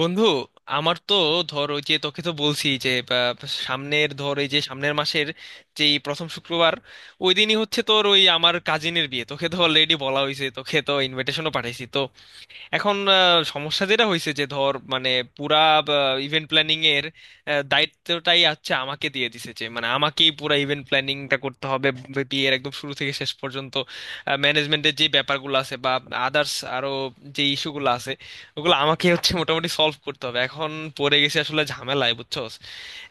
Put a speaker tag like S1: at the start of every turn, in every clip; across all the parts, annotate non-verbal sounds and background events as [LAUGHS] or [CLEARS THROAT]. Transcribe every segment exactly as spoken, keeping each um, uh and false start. S1: বন্ধু, আমার তো ধর, ওই যে তোকে তো বলছি যে বা, সামনের, ধর এই যে সামনের মাসের যেই প্রথম শুক্রবার ওই দিনই হচ্ছে তোর ওই আমার কাজিনের বিয়ে। তোকে তো অলরেডি বলা হয়েছে, তোকে তো ইনভিটেশনও পাঠাইছি তো। এখন আহ, সমস্যা যেটা হয়েছে, যে ধর মানে পুরা ইভেন্ট প্ল্যানিং এর আহ, দায়িত্বটাই আচ্ছা আমাকে দিয়ে দিছে, যে মানে আমাকেই পুরা ইভেন্ট প্ল্যানিংটা করতে হবে। বি- বিয়ের একদম শুরু থেকে শেষ পর্যন্ত ম্যানেজমেন্টের যে ব্যাপারগুলো আছে, বা আদার্স আরো যে ইস্যুগুলো আছে, ওগুলো আমাকে হচ্ছে মোটামুটি সলভ করতে হবে। এখন পড়ে গেছে আসলে ঝামেলায়, বুঝছস।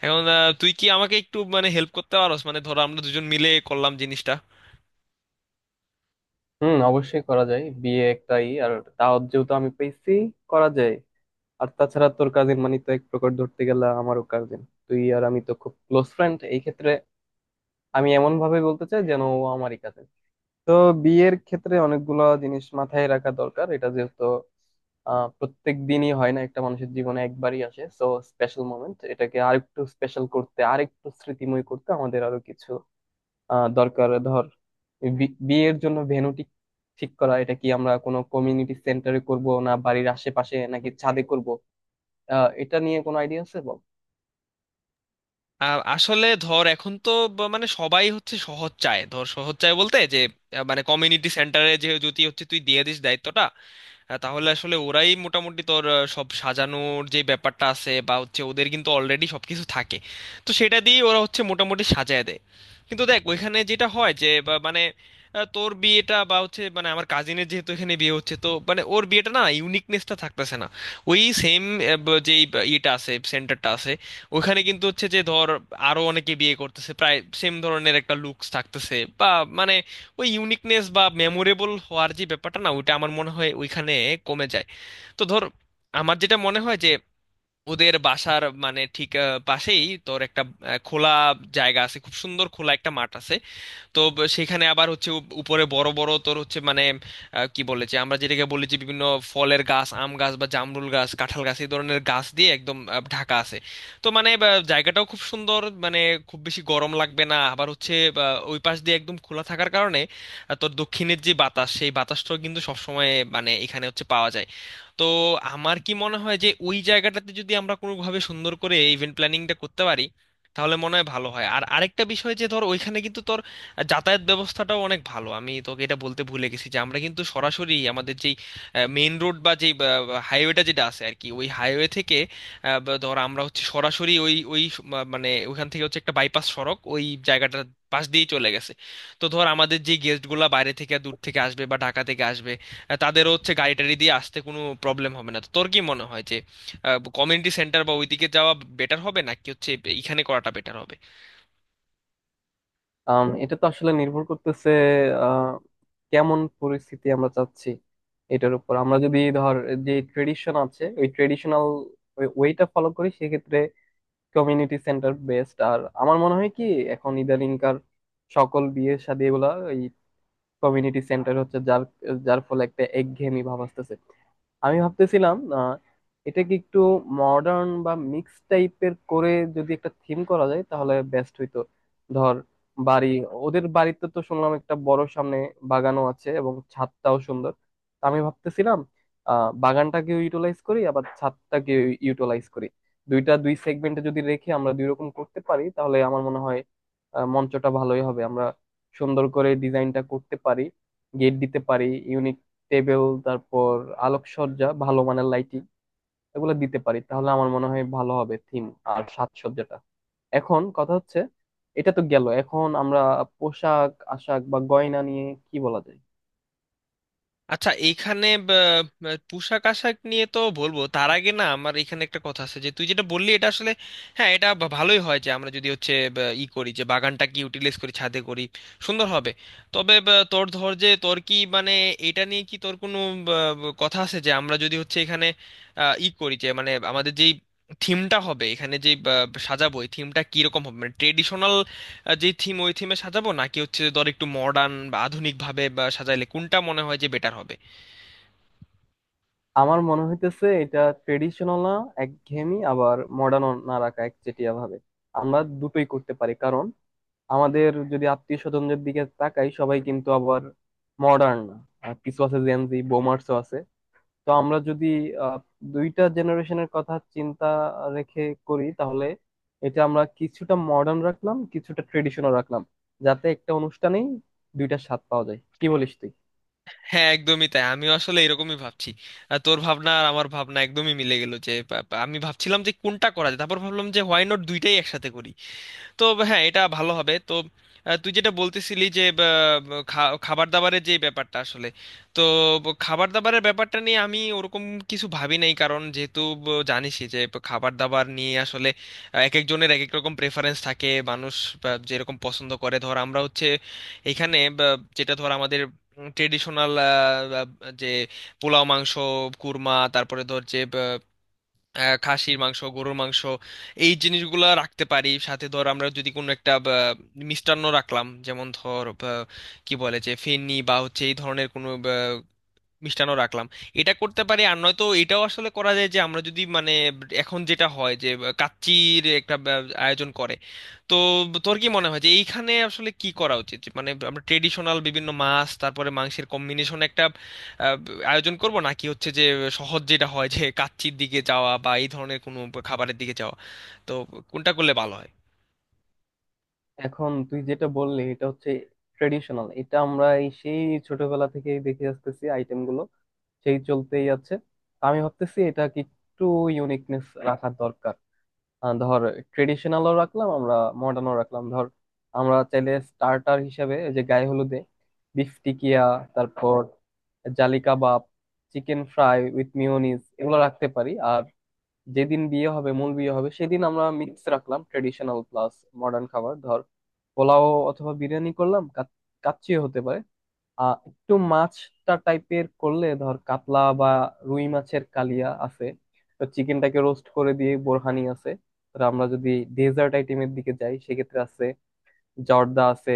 S1: এখন আহ, তুই কি আমাকে একটু মানে হেল্প করতে পারোস? মানে ধরো আমরা দুজন মিলে করলাম জিনিসটা।
S2: হুম, অবশ্যই করা যায়। বিয়ে একটাই, আর দাওয়াত যেহেতু আমি পেয়েছি, করা যায়। আর তাছাড়া তোর কাজিন মানে তো এক প্রকার ধরতে গেলে আমারও কাজিন। তুই আর আমি তো খুব ক্লোজ ফ্রেন্ড, এই ক্ষেত্রে আমি এমন ভাবে বলতে চাই যেন ও আমারই কাজিন। তো বিয়ের ক্ষেত্রে অনেকগুলা জিনিস মাথায় রাখা দরকার, এটা যেহেতু আহ প্রত্যেক দিনই হয় না, একটা মানুষের জীবনে একবারই আসে। সো স্পেশাল মোমেন্ট, এটাকে আরেকটু স্পেশাল করতে, আরেকটু স্মৃতিময় করতে আমাদের আরো কিছু আহ দরকার। ধর, বি- বিয়ের জন্য ভেন্যু ঠিক ঠিক করা, এটা কি আমরা কোনো কমিউনিটি সেন্টারে করব, না বাড়ির আশেপাশে, নাকি ছাদে করব? আহ এটা নিয়ে কোনো আইডিয়া আছে, বল।
S1: আহ, আসলে ধর এখন তো ব- মানে সবাই হচ্ছে সহজ চায়, ধর সহজ চায় বলতে যে আহ, মানে কমিউনিটি সেন্টারে যে যদি হচ্ছে তুই দিয়ে দিস দায়িত্বটা, আহ, তাহলে আসলে ওরাই মোটামুটি তোর আহ, সব সাজানোর যে ব্যাপারটা আছে, বা হচ্ছে ওদের কিন্তু অলরেডি সবকিছু থাকে। তো সেটা দিয়ে ওরা হচ্ছে মোটামুটি সাজায় দেয়। কিন্তু দেখ ওইখানে যেটা হয় যে বা- মানে, আহ, তোর বিয়েটা বা হচ্ছে মানে আমার কাজিনের যেহেতু এখানে বিয়ে হচ্ছে, তো মানে ওর বিয়েটা না ইউনিকনেসটা থাকতেছে না। ওই সেম যে ইয়েটা আছে, সেন্টারটা আছে ওখানে কিন্তু হচ্ছে যে ধর আরো অনেকে বিয়ে করতেছে, প্রায় সেম ধরনের একটা লুকস থাকতেছে, বা মানে ওই ইউনিকনেস বা মেমোরেবল হওয়ার যে ব্যাপারটা না ওইটা আমার মনে হয় ওইখানে কমে যায়। তো ধর আমার যেটা মনে হয় যে, ওদের বাসার মানে ঠিক আহ, পাশেই তোর একটা আহ, খোলা জায়গা আছে, খুব সুন্দর খোলা একটা মাঠ আছে। তো ব- সেখানে আবার হচ্ছে উপ- উপরে বড় বড় তোর হচ্ছে মানে, আহ, কি বলে যে আমরা যেটাকে বলি যে বিভিন্ন ফলের গাছ, আম গাছ বা জামরুল গাছ, কাঁঠাল গাছ, এই ধরনের গাছ দিয়ে একদম আহ, ঢাকা আছে। তো মানে বা, জায়গাটাও খুব সুন্দর, মানে খুব বেশি গরম লাগবে না, আবার হচ্ছে বা, ওই পাশ দিয়ে একদম খোলা থাকার কারণে আহ, তোর দক্ষিণের যে বাতাস, সেই বাতাসটাও কিন্তু সবসময় মানে এখানে হচ্ছে পাওয়া যায়। তো আমার কি মনে হয় যে, ওই জায়গাটাতে যদি আমরা কোনোভাবে সুন্দর করে ইভেন্ট প্ল্যানিংটা করতে পারি তাহলে মনে হয় ভালো হয়। আর আরেকটা বিষয় যে, ধর ওইখানে কিন্তু তোর যাতায়াত ব্যবস্থাটাও অনেক ভালো। আমি তোকে এটা বলতে ভুলে গেছি যে, আমরা কিন্তু সরাসরি আমাদের যেই মেইন রোড বা যেই হাইওয়েটা যেটা আছে আর কি, ওই হাইওয়ে থেকে আহ, বা ধর আমরা হচ্ছে সরাসরি ওই ওই স- মা- মানে ওইখান থেকে হচ্ছে একটা বাইপাস সড়ক ওই জায়গাটার পাশ দিয়েই চলে গেছে। তো ধর, আমাদের যে গেস্টগুলা বাইরে থেকে দূর থেকে আসবে বা ঢাকা থেকে আসবে, আহ, তাদেরও হচ্ছে গাড়ি টাড়ি দিয়ে আসতে কোনো প্রবলেম হবে না। তো তোর কি মনে হয় যে কমিউনিটি সেন্টার বা ওইদিকে যাওয়া বেটার হবে, নাকি হচ্ছে এইখানে করাটা বেটার হবে?
S2: আম, এটা তো আসলে নির্ভর করতেছে আহ কেমন পরিস্থিতি আমরা চাচ্ছি এটার উপর। আমরা যদি ধর যে ট্রেডিশন আছে, ওই ট্রেডিশনাল ওয়েটা ফলো করি, সেক্ষেত্রে কমিউনিটি সেন্টার বেস্ট। আর আমার মনে হয় কি, এখন ইদানিংকার সকল বিয়ে শাদী এগুলা কমিউনিটি সেন্টার হচ্ছে, যার যার ফলে একটা একঘেয়েমি ভাব আসতেছে। আমি ভাবতেছিলাম আহ, এটাকে একটু মডার্ন বা মিক্স টাইপের করে যদি একটা থিম করা যায় তাহলে বেস্ট হইতো। ধর বাড়ি, ওদের বাড়িতে তো শুনলাম একটা বড় সামনে বাগানও আছে এবং ছাদটাও সুন্দর। তা আমি ভাবতেছিলাম আহ বাগানটাকে ইউটিলাইজ করি, আবার ছাদটাকে ইউটিলাইজ করি। দুইটা দুই সেগমেন্টে যদি রেখে আমরা দুই রকম করতে পারি, তাহলে আমার মনে হয় আহ, মঞ্চটা ভালোই হবে। আমরা সুন্দর করে ডিজাইনটা করতে পারি, গেট দিতে পারি, ইউনিক টেবিল, তারপর আলোকসজ্জা, ভালো মানের লাইটিং, এগুলো দিতে পারি তাহলে আমার মনে হয় ভালো হবে থিম আর সাজসজ্জাটা। এখন কথা হচ্ছে, এটা তো গেল, এখন আমরা পোশাক আশাক বা গয়না নিয়ে কি বলা যায়?
S1: আচ্ছা এইখানে ব- ব- পোশাক আশাক নিয়ে তো বলবো, তার আগে না আমার এখানে একটা কথা আছে যে তুই যেটা বললি এটা আসলে, হ্যাঁ এটা ভা- ভালোই হয় যে আমরা যদি হচ্ছে ব- ই করি যে বাগানটা কি ইউটিলাইজ করি ছাদে করি, সুন্দর হবে। তবে ব- তোর ধর যে তোর কি মানে, এটা নিয়ে কি তোর কোনো ব- ব- কথা আছে যে আমরা যদি হচ্ছে এখানে আহ, ই করি যে মানে আমাদের যেই থিমটা হবে এখানে, যে সাজাবো এই থিমটা কিরকম হবে? মানে ট্রেডিশনাল আহ, যে থিম ওই থিমে সাজাবো, নাকি হচ্ছে যে ধর একটু মডার্ন বা আধুনিক ভাবে বা সাজাইলে কোনটা মনে হয় যে বেটার হবে?
S2: আমার মনে হইতেছে এটা ট্রেডিশনাল না একঘেয়েমি, আবার মডার্ন না রাখা একচেটিয়া ভাবে। আমরা দুটোই করতে পারি, কারণ আমাদের যদি আত্মীয় স্বজনদের দিকে তাকাই, সবাই কিন্তু আবার মডার্ন না, আর কিছু আছে জেনজি বোমার্সও আছে। তো আমরা যদি আহ, দুইটা জেনারেশনের কথা চিন্তা রেখে করি, তাহলে এটা আমরা কিছুটা মডার্ন রাখলাম, কিছুটা ট্রেডিশনাল রাখলাম, যাতে একটা অনুষ্ঠানেই দুইটা স্বাদ পাওয়া যায়। কি বলিস তুই?
S1: হ্যাঁ, একদমই তাই। আমিও আসলে এরকমই ভাবছি। আহ, তোর ভাবনা আর আমার ভাবনা একদমই মিলে গেল যে বা- বা আমি ভাবছিলাম যে কোনটা করা যায়, তারপর ভাবলাম যে হোয়াই নট দুইটাই একসাথে করি। তো হ্যাঁ, এটা ভালো হবে। তো আহ, তুই যেটা বলতেছিলি যে আহ, খা- খাবার দাবারের যে ব্যাপারটা আসলে, তো ব- খাবার দাবারের ব্যাপারটা নিয়ে আমি ওরকম কিছু ভাবি নাই, কারণ যেহেতু ব- জানিসই যে ব- খাবার দাবার নিয়ে আসলে আহ, এক একজনের এক এক রকম প্রেফারেন্স থাকে। মানুষ আহ, যেরকম পছন্দ করে, ধর আমরা হচ্ছে এখানে বা, যেটা ধর আমাদের ট্রেডিশনাল, যে পোলাও, মাংস, কুরমা, তারপরে ধর যে আহ, খাসির মাংস, গরুর মাংস, এই জিনিসগুলো রাখতে পারি। সাথে ধর আমরা যদি কোনো একটা আহ, মিষ্টান্ন রাখলাম, যেমন ধর আহ, কি বলে যে ফেনি বা হচ্ছে এই ধরনের কোনো মিষ্টান্ন রাখলাম, এটা করতে পারি। আর নয়তো এটাও আসলে করা যায় যে আমরা যদি মানে এখন যেটা হয় যে কাচ্চির একটা ব্যব- আয়োজন করে। তো তোর কি মনে হয় যে এইখানে আসলে কি করা উচিত? যে মানে আমরা ট্রেডিশনাল বিভিন্ন মাছ, তারপরে মাংসের কম্বিনেশন একটা আহ, আয়োজন করব, নাকি হচ্ছে যে সহজ যেটা হয়, যে কাচ্চির দিকে যাওয়া বা এই ধরনের কোনো খাবারের দিকে যাওয়া? তো কোনটা করলে ভালো হয়?
S2: এখন তুই যেটা বললি, এটা হচ্ছে ট্রেডিশনাল, এটা আমরা এই সেই ছোটবেলা থেকেই দেখে আসতেছি আইটেম গুলো, সেই চলতেই আছে। আমি ভাবতেছি এটা কি একটু ইউনিকনেস রাখা দরকার। আহ, ধর ট্রেডিশনালও রাখলাম আমরা, মডার্নও রাখলাম। ধর আমরা চাইলে স্টার্টার হিসাবে ওই যে গায়ে হলুদে বিফ টিকিয়া, তারপর jali kabab, chicken fry with mayonnaise, এগুলো রাখতে পারি। আর যেদিন বিয়ে হবে, মূল বিয়ে হবে সেদিন আমরা মিক্স রাখলাম ট্রেডিশনাল প্লাস মডার্ন খাবার। ধর পোলাও অথবা বিরিয়ানি করলাম, কাচ্চি হতে পারে, আহ একটু মাছটা টাইপের করলে ধর কাতলা বা রুই মাছের কালিয়া আছে, তো চিকেনটাকে রোস্ট করে দিয়ে, বোরহানি আছে। তো আমরা যদি ডেজার্ট আইটেমের দিকে যাই, সেক্ষেত্রে আছে জর্দা, আছে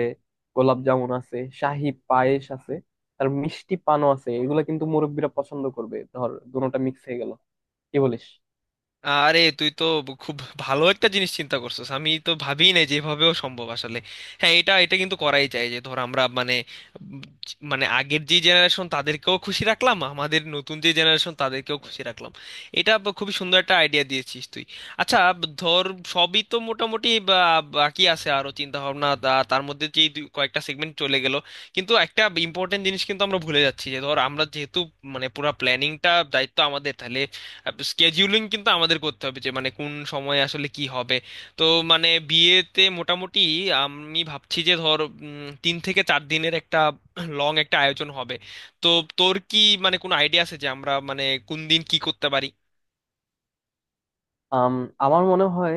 S2: গোলাপ জামুন, আছে শাহি পায়েস, আছে আর মিষ্টি পানও আছে। এগুলো কিন্তু মুরব্বীরা পছন্দ করবে। ধর দুটোটা মিক্স হয়ে গেল, কি বলিস?
S1: আরে তুই তো খুব ভালো একটা জিনিস চিন্তা করছিস। আমি তো ভাবিই নাই যেভাবেও সম্ভব আসলে। হ্যাঁ, এটা এটা কিন্তু করাই যায় যে ধর আমরা মানে উম, মানে আগের যে জেনারেশন তাদেরকেও খুশি রাখলাম, আমাদের নতুন যে জেনারেশন তাদেরকেও খুশি রাখলাম। এটা ব- খুবই সুন্দর একটা আইডিয়া দিয়েছিস তুই। আচ্ছা, ব- ধর সবই তো মোটামুটি বা- বাকি আছে আরো চিন্তা ভাবনা, তা- তার মধ্যে যে দুই- কয়েকটা সেগমেন্ট চলে গেল। কিন্তু একটা ইম্পর্টেন্ট জিনিস কিন্তু আমরা ভুলে যাচ্ছি। যে ধর আমরা যেহেতু মানে পুরো প্ল্যানিংটা দায়িত্ব আমাদের, তাহলে স্কেডিউলিং কিন্তু আমাদের করতে হবে যে মানে কোন সময়ে আসলে কি হবে। তো মানে বিয়েতে মোটামুটি আমি ভাবছি যে ধর উম, তিন থেকে চার দিনের একটা [CLEARS THROAT] লং একটা আয়োজন হবে। তো তোর কি মানে কোনো আইডিয়া আছে যে আমরা মানে কোন দিন কি করতে পারি?
S2: আম, আমার মনে হয়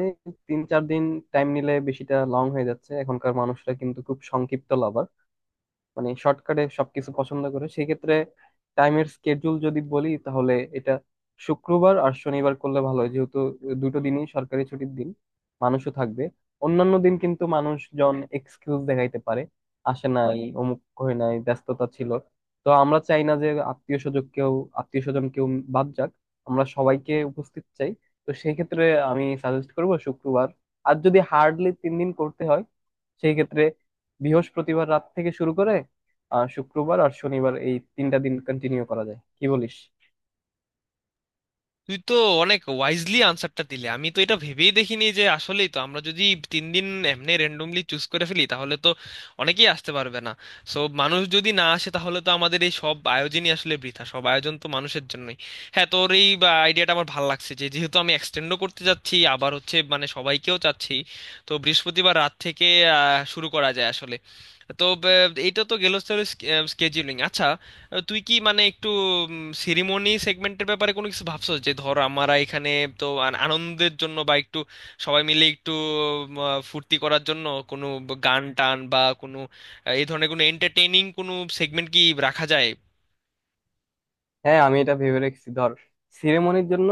S2: তিন চার দিন টাইম নিলে বেশিটা লং হয়ে যাচ্ছে। এখনকার মানুষরা কিন্তু খুব সংক্ষিপ্ত লাভার, মানে শর্টকাটে সবকিছু পছন্দ করে। সেই ক্ষেত্রে টাইমের স্কেডিউল যদি বলি, তাহলে এটা শুক্রবার আর শনিবার করলে ভালো হয়, যেহেতু দুটো দিনই সরকারি ছুটির দিন, মানুষও থাকবে। অন্যান্য দিন কিন্তু মানুষজন এক্সকিউজ দেখাইতে পারে, আসে নাই, অমুক হয় নাই, ব্যস্ততা ছিল। তো আমরা চাই না যে আত্মীয় স্বজন কেউ আত্মীয় স্বজন কেউ বাদ যাক, আমরা সবাইকে উপস্থিত চাই। তো সেই ক্ষেত্রে আমি সাজেস্ট করবো শুক্রবার। আর যদি হার্ডলি তিন দিন করতে হয়, সেই ক্ষেত্রে বৃহস্পতিবার রাত থেকে শুরু করে আহ শুক্রবার আর শনিবার, এই তিনটা দিন কন্টিনিউ করা যায়। কি বলিস?
S1: তুই তো অনেক ওয়াইজলি আনসারটা দিলে। আমি তো এটা ভেবেই দেখিনি যে আসলেই তো আমরা যদি তিন দিন এমনি র্যান্ডমলি চুজ করে ফেলি তাহলে তো অনেকেই আসতে পারবে না। সো মানুষ যদি না আসে তাহলে তো আমাদের এই সব আয়োজনই আসলে বৃথা, সব আয়োজন তো মানুষের জন্যই। হ্যাঁ, তোর এই আইডিয়াটা আমার ভালো লাগছে, যে যেহেতু আমি এক্সটেন্ডও করতে যাচ্ছি আবার হচ্ছে মানে সবাইকেও চাচ্ছি। তো বৃহস্পতিবার রাত থেকে আহ, শুরু করা যায় আসলে। তো ব- এইটা তো গেল স্কেজিউলিং। আচ্ছা, আহ, তুই কি মানে একটু সিরিমনি সেগমেন্টের ব্যাপারে কোনো কিছু ভাবছো, যে ধর আমরা এখানে তো আন- আনন্দের জন্য বা একটু সবাই মিলে একটু উম, আহ, ফুর্তি করার জন্য কোনো গান টান বা কোনো আহ, এই ধরনের কোনো এন্টারটেইনিং কোনো সেগমেন্ট কি রাখা যায়?
S2: হ্যাঁ, আমি এটা ভেবে রেখেছি। ধর সিরেমনির জন্য,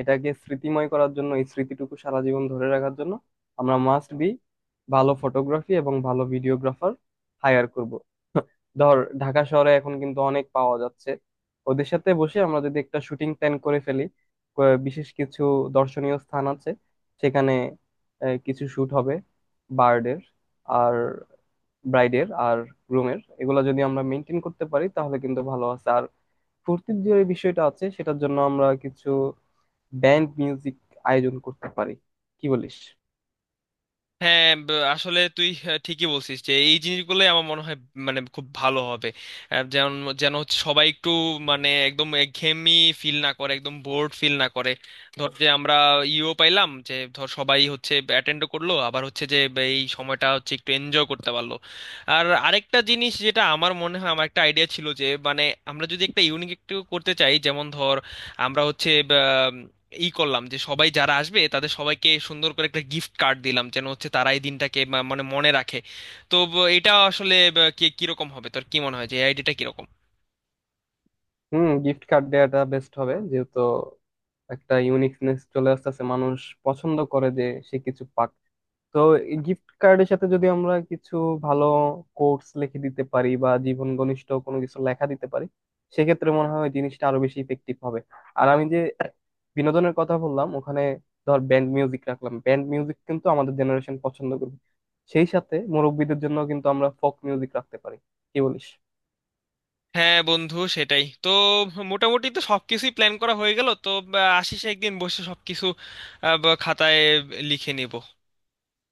S2: এটাকে স্মৃতিময় করার জন্য, এই স্মৃতিটুকু সারা জীবন ধরে রাখার জন্য আমরা মাস্ট বি ভালো ফটোগ্রাফি এবং ভালো ভিডিওগ্রাফার হায়ার করব। [LAUGHS] ধর ঢাকা শহরে এখন কিন্তু অনেক পাওয়া যাচ্ছে। ওদের সাথে বসে আমরা যদি একটা শুটিং প্ল্যান করে ফেলি, ক- বিশেষ কিছু দর্শনীয় স্থান আছে, সেখানে আহ, কিছু শুট হবে বার্ডের আর ব্রাইডের আর গ্রুমের, এগুলো যদি আমরা মেনটেন করতে পারি তাহলে কিন্তু ভালো আছে। ফুর্তির যে বিষয়টা আছে সেটার জন্য আমরা কিছু ব্যান্ড মিউজিক আয়োজন করতে পারি, কি বলিস?
S1: হ্যাঁ, ব- আসলে তুই আহ, ঠিকই বলছিস যে এই জিনিসগুলোই আমার মনে হয় মানে খুব ভালো হবে। আহ, যেমন, যেন হচ্ছে সবাই একটু মানে একদম একঘেয়েমি ফিল না করে, একদম বোর্ড ফিল না করে, ধর যে আমরা ইও পাইলাম যে ধর সবাই হচ্ছে অ্যাটেন্ড করলো, আবার হচ্ছে যে ব- এই সময়টা হচ্ছে একটু এনজয় করতে পারলো। আর আরেকটা জিনিস যেটা আমার মনে হয়, আমার একটা আইডিয়া ছিল যে মানে আমরা যদি একটা ইউনিক একটু করতে চাই, যেমন ধর আমরা হচ্ছে ই করলাম যে সবাই যারা আসবে তাদের সবাইকে সুন্দর করে একটা গিফট কার্ড দিলাম, যেন হচ্ছে তারা এই দিনটাকে মা- মানে মনে রাখে। তো ব- এটা আসলে ব- কি কিরকম হবে, তোর কি মনে হয় যে এই আইডিয়াটা কিরকম?
S2: হুম, গিফট কার্ড দেওয়াটা বেস্ট হবে, যেহেতু একটা ইউনিকনেস চলে আসতেছে। মানুষ পছন্দ করে যে সে কিছু পাক। তো এই গিফট কার্ডের সাথে যদি আমরা কিছু ভালো কোটস লিখে দিতে পারি বা জীবন ঘনিষ্ঠ কোনো কিছু লেখা দিতে পারি, সেক্ষেত্রে মনে হয় জিনিসটা আরো বেশি ইফেক্টিভ হবে। আর আমি যে বিনোদনের কথা বললাম ওখানে, ধর ব্যান্ড মিউজিক রাখলাম, ব্যান্ড মিউজিক কিন্তু আমাদের জেনারেশন পছন্দ করবে, সেই সাথে মুরব্বীদের জন্য কিন্তু আমরা ফোক মিউজিক রাখতে পারি। কি বলিস?
S1: হ্যাঁ বন্ধু, সেটাই তো। মোটামুটি তো সবকিছুই প্ল্যান করা হয়ে গেল, তো বা, আসিস একদিন বসে সবকিছু আহ, ব- খাতায় লিখে নিব।